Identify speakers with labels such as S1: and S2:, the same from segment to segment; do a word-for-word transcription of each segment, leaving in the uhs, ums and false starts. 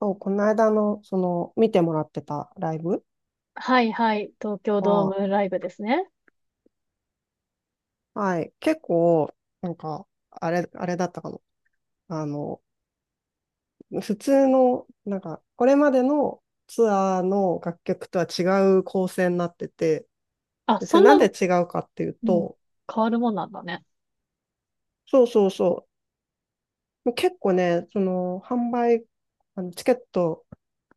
S1: そう、この間の、その、見てもらってたライブ
S2: はいはい。東京ドーム
S1: は、
S2: ライブですね。
S1: はい、結構、なんか、あれ、あれだったかも。あの、普通の、なんか、これまでのツアーの楽曲とは違う構成になってて、
S2: あ、
S1: で、そ
S2: そ
S1: れ
S2: んな、
S1: なんで違うかっていう
S2: うん、
S1: と、
S2: 変わるもんなんだね。
S1: そうそうそう、結構ね、その、販売、あのチケット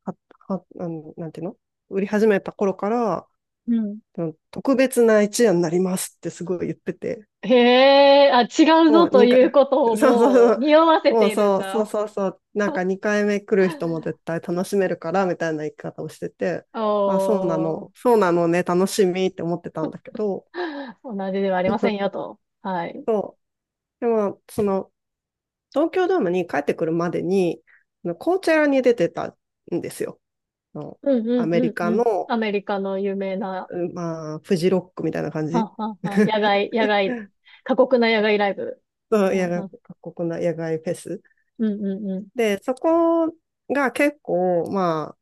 S1: は、は、あの、なんていうの、売り始めた頃から、
S2: うん。
S1: その特別な一夜になりますってすごい言ってて、
S2: へえ、あ、違うぞ
S1: もう
S2: と
S1: にかい、
S2: いうことを
S1: そうそう
S2: も
S1: そ
S2: う
S1: う、
S2: 匂わせ
S1: も
S2: て
S1: う
S2: いるん
S1: そうそう
S2: だ。
S1: そうそう、なんかにかいめ来る人も絶 対楽しめるからみたいな言い方をしてて、あ、そうな
S2: おー、
S1: の、そうなのね、楽しみって思ってたんだけど、
S2: 同じではありませんよ と。はい。
S1: そう、でも、その、東京ドームに帰ってくるまでに、あのコーチェラに出てたんですよ。あの
S2: うん
S1: ア
S2: うん
S1: メリ
S2: うん
S1: カ
S2: うん。
S1: の、
S2: アメリカの有名な、
S1: うんまあ、フジロックみたいな感
S2: はん
S1: じ。
S2: はんはん、野外、野外、過酷な野外ライブ。
S1: そう、
S2: う
S1: 野
S2: んう
S1: 外、
S2: ん
S1: 各国の野外フェス。
S2: うんうん
S1: で、そこが結構、まあ、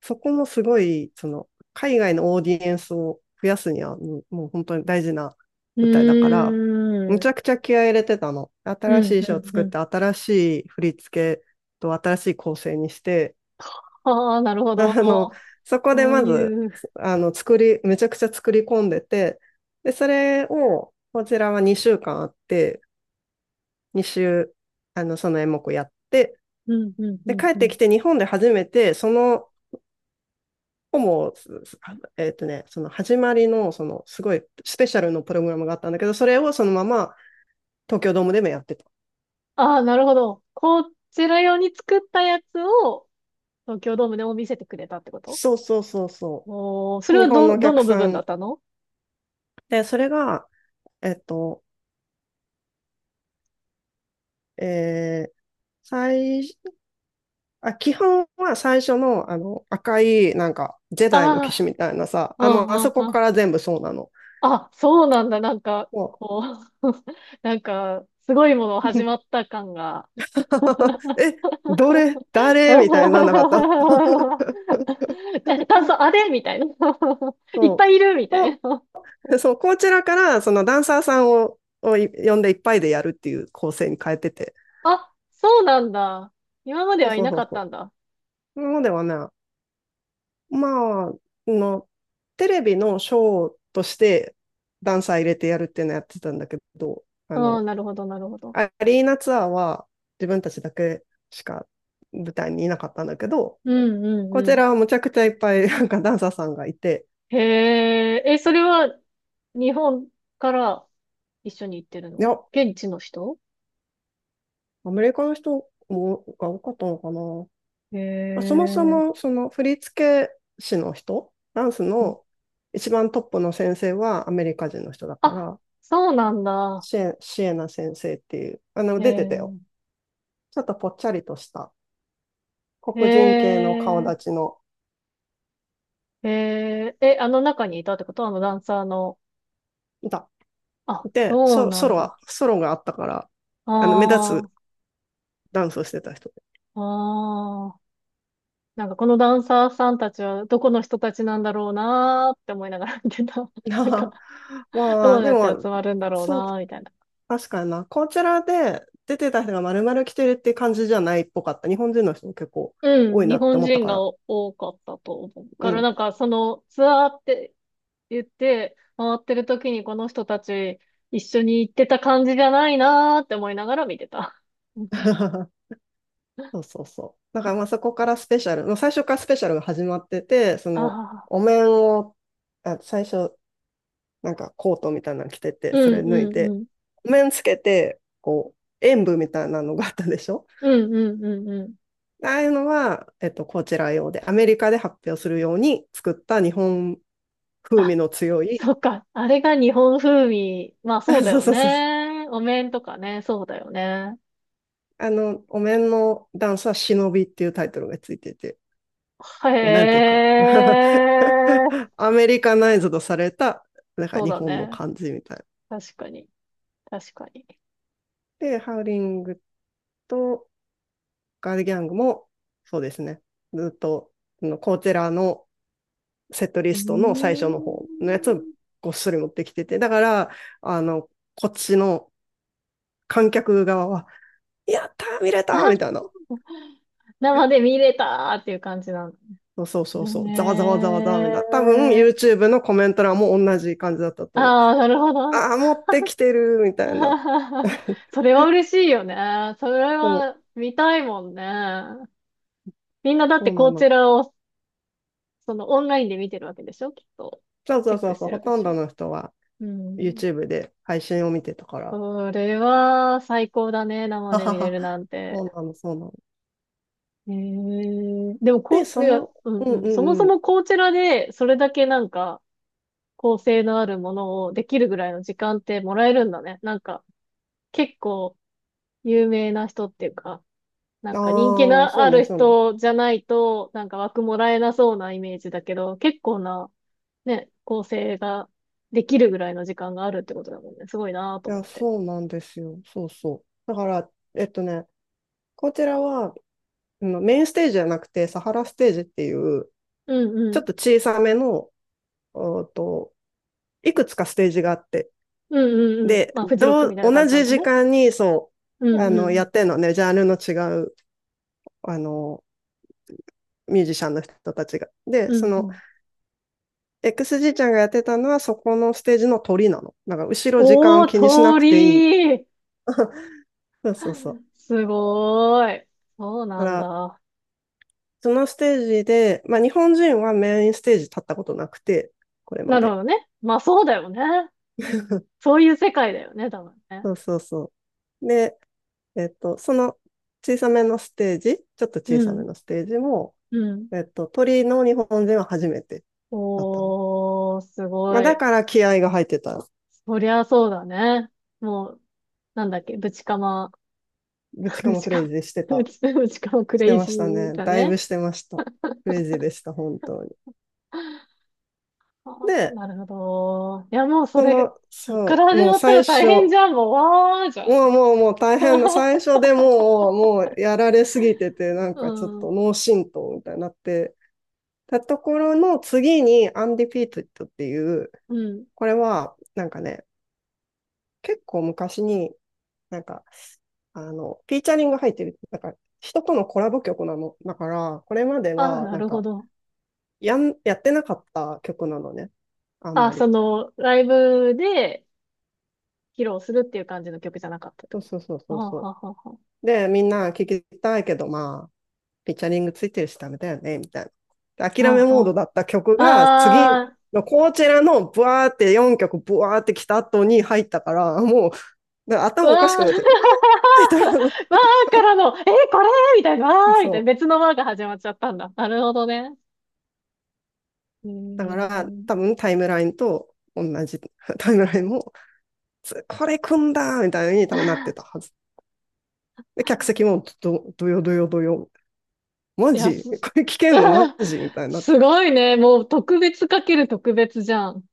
S1: そこもすごい、その、海外のオーディエンスを増やすには、もうもう本当に大事な
S2: う
S1: 舞台だから、む
S2: ん。うー
S1: ち
S2: ん。
S1: ゃくちゃ気合い入れてたの。
S2: う
S1: 新し
S2: ん
S1: い衣装
S2: うん
S1: 作
S2: う
S1: っ
S2: ん。
S1: て、新しい振り付けと新しい構成にして、
S2: ああ、なるほ ど。
S1: あの、そこで
S2: そう
S1: まず、
S2: いう、
S1: あの、作り、めちゃくちゃ作り込んでて、で、それを、こちらはにしゅうかんあって、に週、あの、その演目やって、
S2: うん、うん、う
S1: で、
S2: ん、
S1: 帰っ
S2: う
S1: て
S2: ん。
S1: きて日本で初めて、その、もう、えっとね、その始まりの、その、すごいスペシャルのプログラムがあったんだけど、それをそのまま東京ドームでもやってた。
S2: ああ、なるほど。こちら用に作ったやつを東京ドームでも見せてくれたってこと？
S1: そうそうそうそ
S2: おー、そ
S1: う。
S2: れ
S1: 日
S2: は
S1: 本の
S2: ど、
S1: お
S2: ど
S1: 客
S2: の部
S1: さ
S2: 分だ
S1: ん。
S2: ったの？
S1: で、それが、えっと、えー、最、あ、基本は最初の、あの、赤い、なんか、ジェダイの騎士
S2: あ
S1: みたいなさ、
S2: あー、う
S1: あの、もうあ
S2: んう
S1: そ
S2: ん
S1: こ
S2: うん。
S1: から全部そうなの。
S2: あ、そうなんだ。なんか、
S1: も
S2: こう、 なんか、すごいもの
S1: う、
S2: 始 まった感が。
S1: え、どれ、誰みたいになんなかった。
S2: え炭素、あ れみたいな。いっぱ
S1: そ
S2: いいるみ
S1: う。
S2: たいな。
S1: そう、こちらから、そのダンサーさんを、をい呼んでいっぱいでやるっていう構成に変えてて。
S2: あ、そうなんだ。今まで
S1: そう
S2: はい
S1: そう
S2: な
S1: そ
S2: か
S1: う
S2: った
S1: そ
S2: んだ。
S1: う。なのではね、まあ、の、テレビのショーとしてダンサー入れてやるっていうのやってたんだけど、あ
S2: うん、
S1: の、
S2: なるほど、なるほど。
S1: アリーナツアーは自分たちだけしか舞台にいなかったんだけど、
S2: うんうん
S1: こ
S2: う
S1: ち
S2: ん。
S1: らはむちゃくちゃいっぱいなんかダンサーさんがいて、
S2: へえ、え、それは日本から一緒に行ってる
S1: い
S2: の？
S1: や、
S2: 現地の人？
S1: アメリカの人もが多かったのかな。
S2: へ
S1: まあそもそ
S2: え。
S1: も、その振付師の人、ダンス
S2: うん、
S1: の一番トップの先生はアメリカ人の人だか
S2: あ、
S1: ら、
S2: そうなんだ。
S1: シエ、シエナ先生っていう、あの、
S2: へ
S1: 出てた
S2: え。
S1: よ。ちょっとぽっちゃりとした黒人
S2: へ
S1: 系の顔立ち
S2: え。
S1: の、
S2: へえ。え、あの中にいたってこと？あのダンサーの。
S1: いた。
S2: あ、
S1: いて、
S2: そう
S1: ソ、
S2: な
S1: ソ
S2: ん
S1: ロは、
S2: だ。
S1: ソロがあったから、あの、目立
S2: あ
S1: つダンスをしてた人で。
S2: あ、ああ。なんかこのダンサーさんたちはどこの人たちなんだろうなーって思いながら見てた。なんか、ど
S1: まあ、
S2: う
S1: で
S2: やって集
S1: も、
S2: まるんだろう
S1: そう、
S2: なーみたいな。
S1: 確かにな。こちらで出てた人が丸々来てるって感じじゃないっぽかった。日本人の人も結構
S2: う
S1: 多
S2: ん、
S1: いな
S2: 日
S1: って
S2: 本
S1: 思った
S2: 人
S1: か
S2: が
S1: ら。
S2: お多かったと思う
S1: う
S2: から、
S1: ん。
S2: なんかそのツアーって言って回ってる時にこの人たち一緒に行ってた感じじゃないなーって思いながら見てた。うん、
S1: そうそうそう。だからまあそこからスペシャル、もう最初からスペシャルが始まってて、その
S2: ああ、
S1: お面を、あ、最初なんかコートみたいなの着てて、
S2: う
S1: そ
S2: ん
S1: れ脱い
S2: うんう
S1: で、
S2: ん。
S1: お面つけて、こう、演舞みたいなのがあったでしょ。
S2: うんうんうんうん。
S1: ああいうのは、えっと、こちら用で、アメリカで発表するように作った日本風
S2: あ、
S1: 味の強い、
S2: そっか。あれが日本風味。まあ
S1: あ、
S2: そうだ
S1: そう
S2: よ
S1: そうそうそう。
S2: ね。お面とかね、そうだよね。
S1: あの、お面のダンスは忍びっていうタイトルがついてて、
S2: へ
S1: こう、なんていうか
S2: え、
S1: アメリカナイズドされた、なんか
S2: そう
S1: 日
S2: だ
S1: 本の
S2: ね。
S1: 感じみたい。
S2: 確かに。確かに。
S1: で、ハウリングとガールギャングも、そうですね。ずっと、コーチェラのセットリ
S2: う
S1: ストの最初の
S2: ー
S1: 方のやつを
S2: ん。
S1: ごっそり持ってきてて、だから、あの、こっちの観客側は、やったー見れたー
S2: あ、
S1: みたいな。
S2: 生で見れたーっていう感じなんだ。
S1: そうそうそうそう。ざわざ
S2: へ
S1: わざわざわみたいな。多分
S2: え。
S1: YouTube のコメント欄も同じ感じだった
S2: あ
S1: と思う。
S2: あ、なるほどね。
S1: ああ、持ってきてるみ た
S2: あ
S1: いな。
S2: ははは。 それは嬉しいよね。それ
S1: そう、
S2: は見たいもんね。みんなだっ
S1: そ
S2: て
S1: うな
S2: こち
S1: の。
S2: らをそのオンラインで見てるわけでしょきっと。
S1: そう
S2: チ
S1: そ
S2: ェ
S1: う
S2: ッ
S1: そ
S2: ク
S1: う
S2: し
S1: そう、
S2: てる
S1: ほ
S2: わけで
S1: とん
S2: しょ。
S1: どの人は
S2: うん。
S1: YouTube で配信を見てたから。
S2: それは最高だね。生
S1: は
S2: で
S1: は
S2: 見れ
S1: は。
S2: るなん
S1: そ
S2: て。
S1: うなの、そうなの。
S2: へえ。でも
S1: で、
S2: こ、い
S1: そ
S2: や、
S1: の、
S2: うん
S1: うん
S2: うん。
S1: う
S2: そもそ
S1: んうん。
S2: もこちらでそれだけなんか、構成のあるものをできるぐらいの時間ってもらえるんだね。なんか、結構有名な人っていうか、なんか人気
S1: ああ、
S2: の
S1: そ
S2: あ
S1: うね、
S2: る
S1: そうね。
S2: 人じゃないと、なんか枠もらえなそうなイメージだけど、結構な、ね、構成ができるぐらいの時間があるってことだもんね。すごいなと
S1: い
S2: 思っ
S1: や、
S2: て。
S1: そうなんですよ。そうそう。だから、えっとね、こちらは、あのメインステージじゃなくて、サハラステージっていう、
S2: うん
S1: ち
S2: う
S1: ょっ
S2: ん。
S1: と小さめの、おーと、いくつかステージがあって、
S2: うんうんうん。
S1: で、
S2: まあ、フジロッ
S1: ど
S2: クみ
S1: う、
S2: たいな感
S1: 同
S2: じだ
S1: じ
S2: もん
S1: 時
S2: ね。
S1: 間に、そ
S2: う
S1: う、あ
S2: んう
S1: の、や
S2: ん。
S1: ってんのね、ジャンルの違う、あの、ミュージシャンの人たちが。
S2: う
S1: で、そ
S2: んう
S1: の
S2: ん。
S1: エックスジー ちゃんがやってたのはそこのステージの鳥なの。だから後ろ時
S2: お
S1: 間
S2: ー、
S1: 気にしな
S2: 通
S1: くていい。
S2: り。
S1: そうそうそう。
S2: すごーい。そう
S1: だか
S2: なん
S1: ら、
S2: だ。
S1: そのステージで、まあ日本人はメインステージ立ったことなくて、これま
S2: なるほ
S1: で。
S2: どね。まあそうだよね。そういう世界だよね、多分ね。
S1: そうそうそう。で、えっと、その小さめのステージ、ちょっと小
S2: う
S1: さめ
S2: ん、
S1: のステージも、
S2: うん。
S1: えっと、鳥の日本人は初めてだったの。
S2: おー、す
S1: ま
S2: ご
S1: あだ
S2: い。
S1: から気合が入ってた。
S2: そりゃそうだね。もう、なんだっけ、ぶちかま、
S1: ぶ ちか
S2: ぶ
S1: も
S2: ち
S1: クレイ
S2: か、
S1: ジーして
S2: ぶ
S1: た、
S2: ち、ぶちかまク
S1: して
S2: レイ
S1: ま
S2: ジ
S1: した
S2: ー
S1: ね。
S2: だ
S1: だいぶ
S2: ね。
S1: してました。クレイジーでした、本当に。
S2: ああ、
S1: で、
S2: なるほど。いや、もうそ
S1: そ
S2: れ、
S1: の、
S2: そっから
S1: そう、
S2: 始
S1: もう
S2: まったら
S1: 最
S2: 大
S1: 初、
S2: 変じゃん、もう、わーじゃ
S1: も
S2: ん。
S1: うもうもう大変だ。最 初でもう、もうやられすぎてて、なん
S2: う
S1: かちょっと
S2: ん、
S1: 脳震盪みたいになって、たところの次にアンディピートっていう、
S2: うん。
S1: これはなんかね、結構昔になんか、あの、フィーチャリング入ってる、なんか人とのコラボ曲なの。だから、これまで
S2: ああ、
S1: は
S2: な
S1: なん
S2: るほ
S1: か
S2: ど。
S1: やん、やってなかった曲なのね。あん
S2: あ、
S1: ま
S2: そ
S1: り。
S2: の、ライブで披露するっていう感じの曲じゃなかった。
S1: そうそうそうそう
S2: はあはあ
S1: そ
S2: はあはあ。
S1: う。で、みんな聞きたいけど、まあ、ピッチャリングついてるしダメだよね、みたいな。で諦め
S2: は
S1: モードだった曲
S2: あ、
S1: が、次
S2: ああー、
S1: のこちらのブワーってよんきょくブワーって来た後に入ったから、もう、で
S2: う
S1: 頭おかしく
S2: わー、
S1: なっちゃって、あ
S2: わ
S1: ーみたいな。
S2: あからの、えー、これみたいな、わーみたい
S1: そ
S2: な、別
S1: う。
S2: のわあが始まっちゃったんだ。なるほどね。うー
S1: だから、
S2: ん。
S1: 多分タイムラインと同じ、タイムラインも、つこれ組んだみたいに多分なってたは ず。で、客席もど、どよどよどよ。マ
S2: いや、
S1: ジ
S2: す、
S1: これ聞けんのマ
S2: あー
S1: ジみたいになって
S2: す
S1: た。
S2: ごいね。もう特別かける特別じゃん。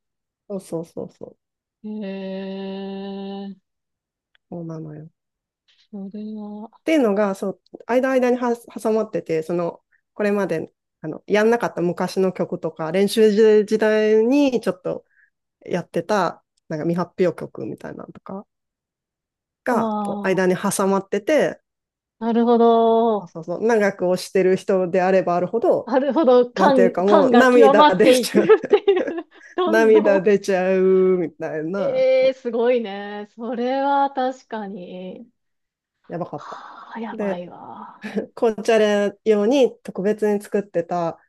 S1: そうそうそうそう。
S2: へえ、
S1: そうなのよ。
S2: それは、
S1: っていうのが、そう、間間には挟まってて、その、これまで、あの、やんなかった昔の曲とか、練習時代にちょっとやってた、なんか未発表曲みたいなのとかが、こう、
S2: あ
S1: 間に挟まってて、
S2: あ、なるほ
S1: あ
S2: ど。
S1: そうそう、長く推してる人であればあるほど、
S2: なるほど。
S1: なんていう
S2: 感、
S1: か
S2: 感
S1: もう
S2: が極
S1: 涙
S2: まっ
S1: 出
S2: てい
S1: ち
S2: く
S1: ゃう、
S2: っていう。どんど
S1: 涙
S2: ん。
S1: 出ちゃうみたいな、
S2: ええー、
S1: そ
S2: すごいね。それは確かに。
S1: うやばかった。
S2: はあ、やば
S1: で、
S2: いわ。
S1: 紅茶レ用に特別に作ってた、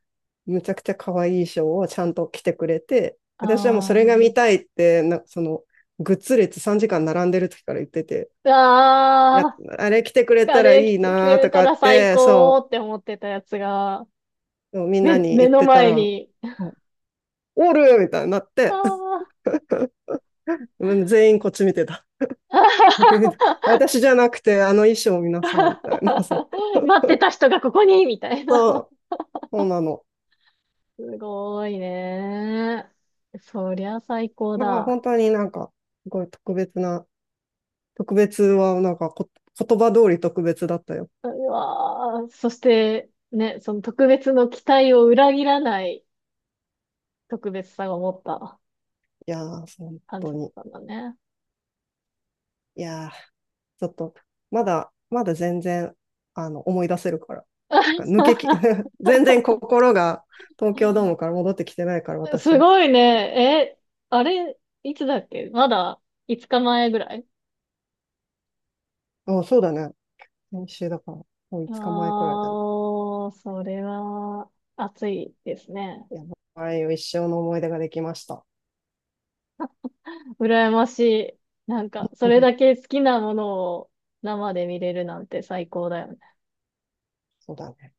S1: むちゃくちゃ可愛い衣装をちゃんと着てくれて、
S2: あ
S1: 私はもうそれが
S2: ー、
S1: 見たいって、なその、グッズ列さんじかん並んでる時から言ってて、いや、
S2: あ
S1: あれ着てく
S2: ー、
S1: れ
S2: カ
S1: たら
S2: レー来
S1: いい
S2: てく
S1: な
S2: れ
S1: と
S2: た
S1: か
S2: ら
S1: っ
S2: 最
S1: て、
S2: 高
S1: そ
S2: って思ってたやつが、
S1: う、みんな
S2: 目、
S1: に
S2: 目
S1: 言っ
S2: の
S1: てた
S2: 前
S1: ら、
S2: に、
S1: おるみたいになっ
S2: あ
S1: て、
S2: ー。
S1: 全員こっち見てた。 私じゃなくて、あの衣装を見なさい、みたいな。 そう、
S2: 待ってた人がここにみたいな。
S1: そうなの。
S2: すごいね。そりゃ最高
S1: だから
S2: だ。
S1: 本当になんか、すごい特別な特別は、なんかこ、言葉通り特別だったよ。
S2: うわー、そして、ね、その特別の期待を裏切らない特別さを持った。
S1: いやー、本
S2: 感
S1: 当
S2: じゅっ
S1: に。
S2: たんだね。
S1: いやー、ちょっと、まだ、まだ全然、あの、思い出せるから。なんか抜けき、全然心が東京ドームから戻ってきてないから、私
S2: す
S1: は。
S2: ごいね。え、あれ、いつだっけ、まだごにちまえぐらい？
S1: あ、そうだね。先週だから、もういつかまえくらい
S2: あ
S1: だ
S2: あ
S1: ね。
S2: ー、それは暑いですね。
S1: いや、ああいう一生の思い出ができました。
S2: 羨ましい。なんか、それだ け好きなものを生で見れるなんて最高だよね。
S1: そうだね。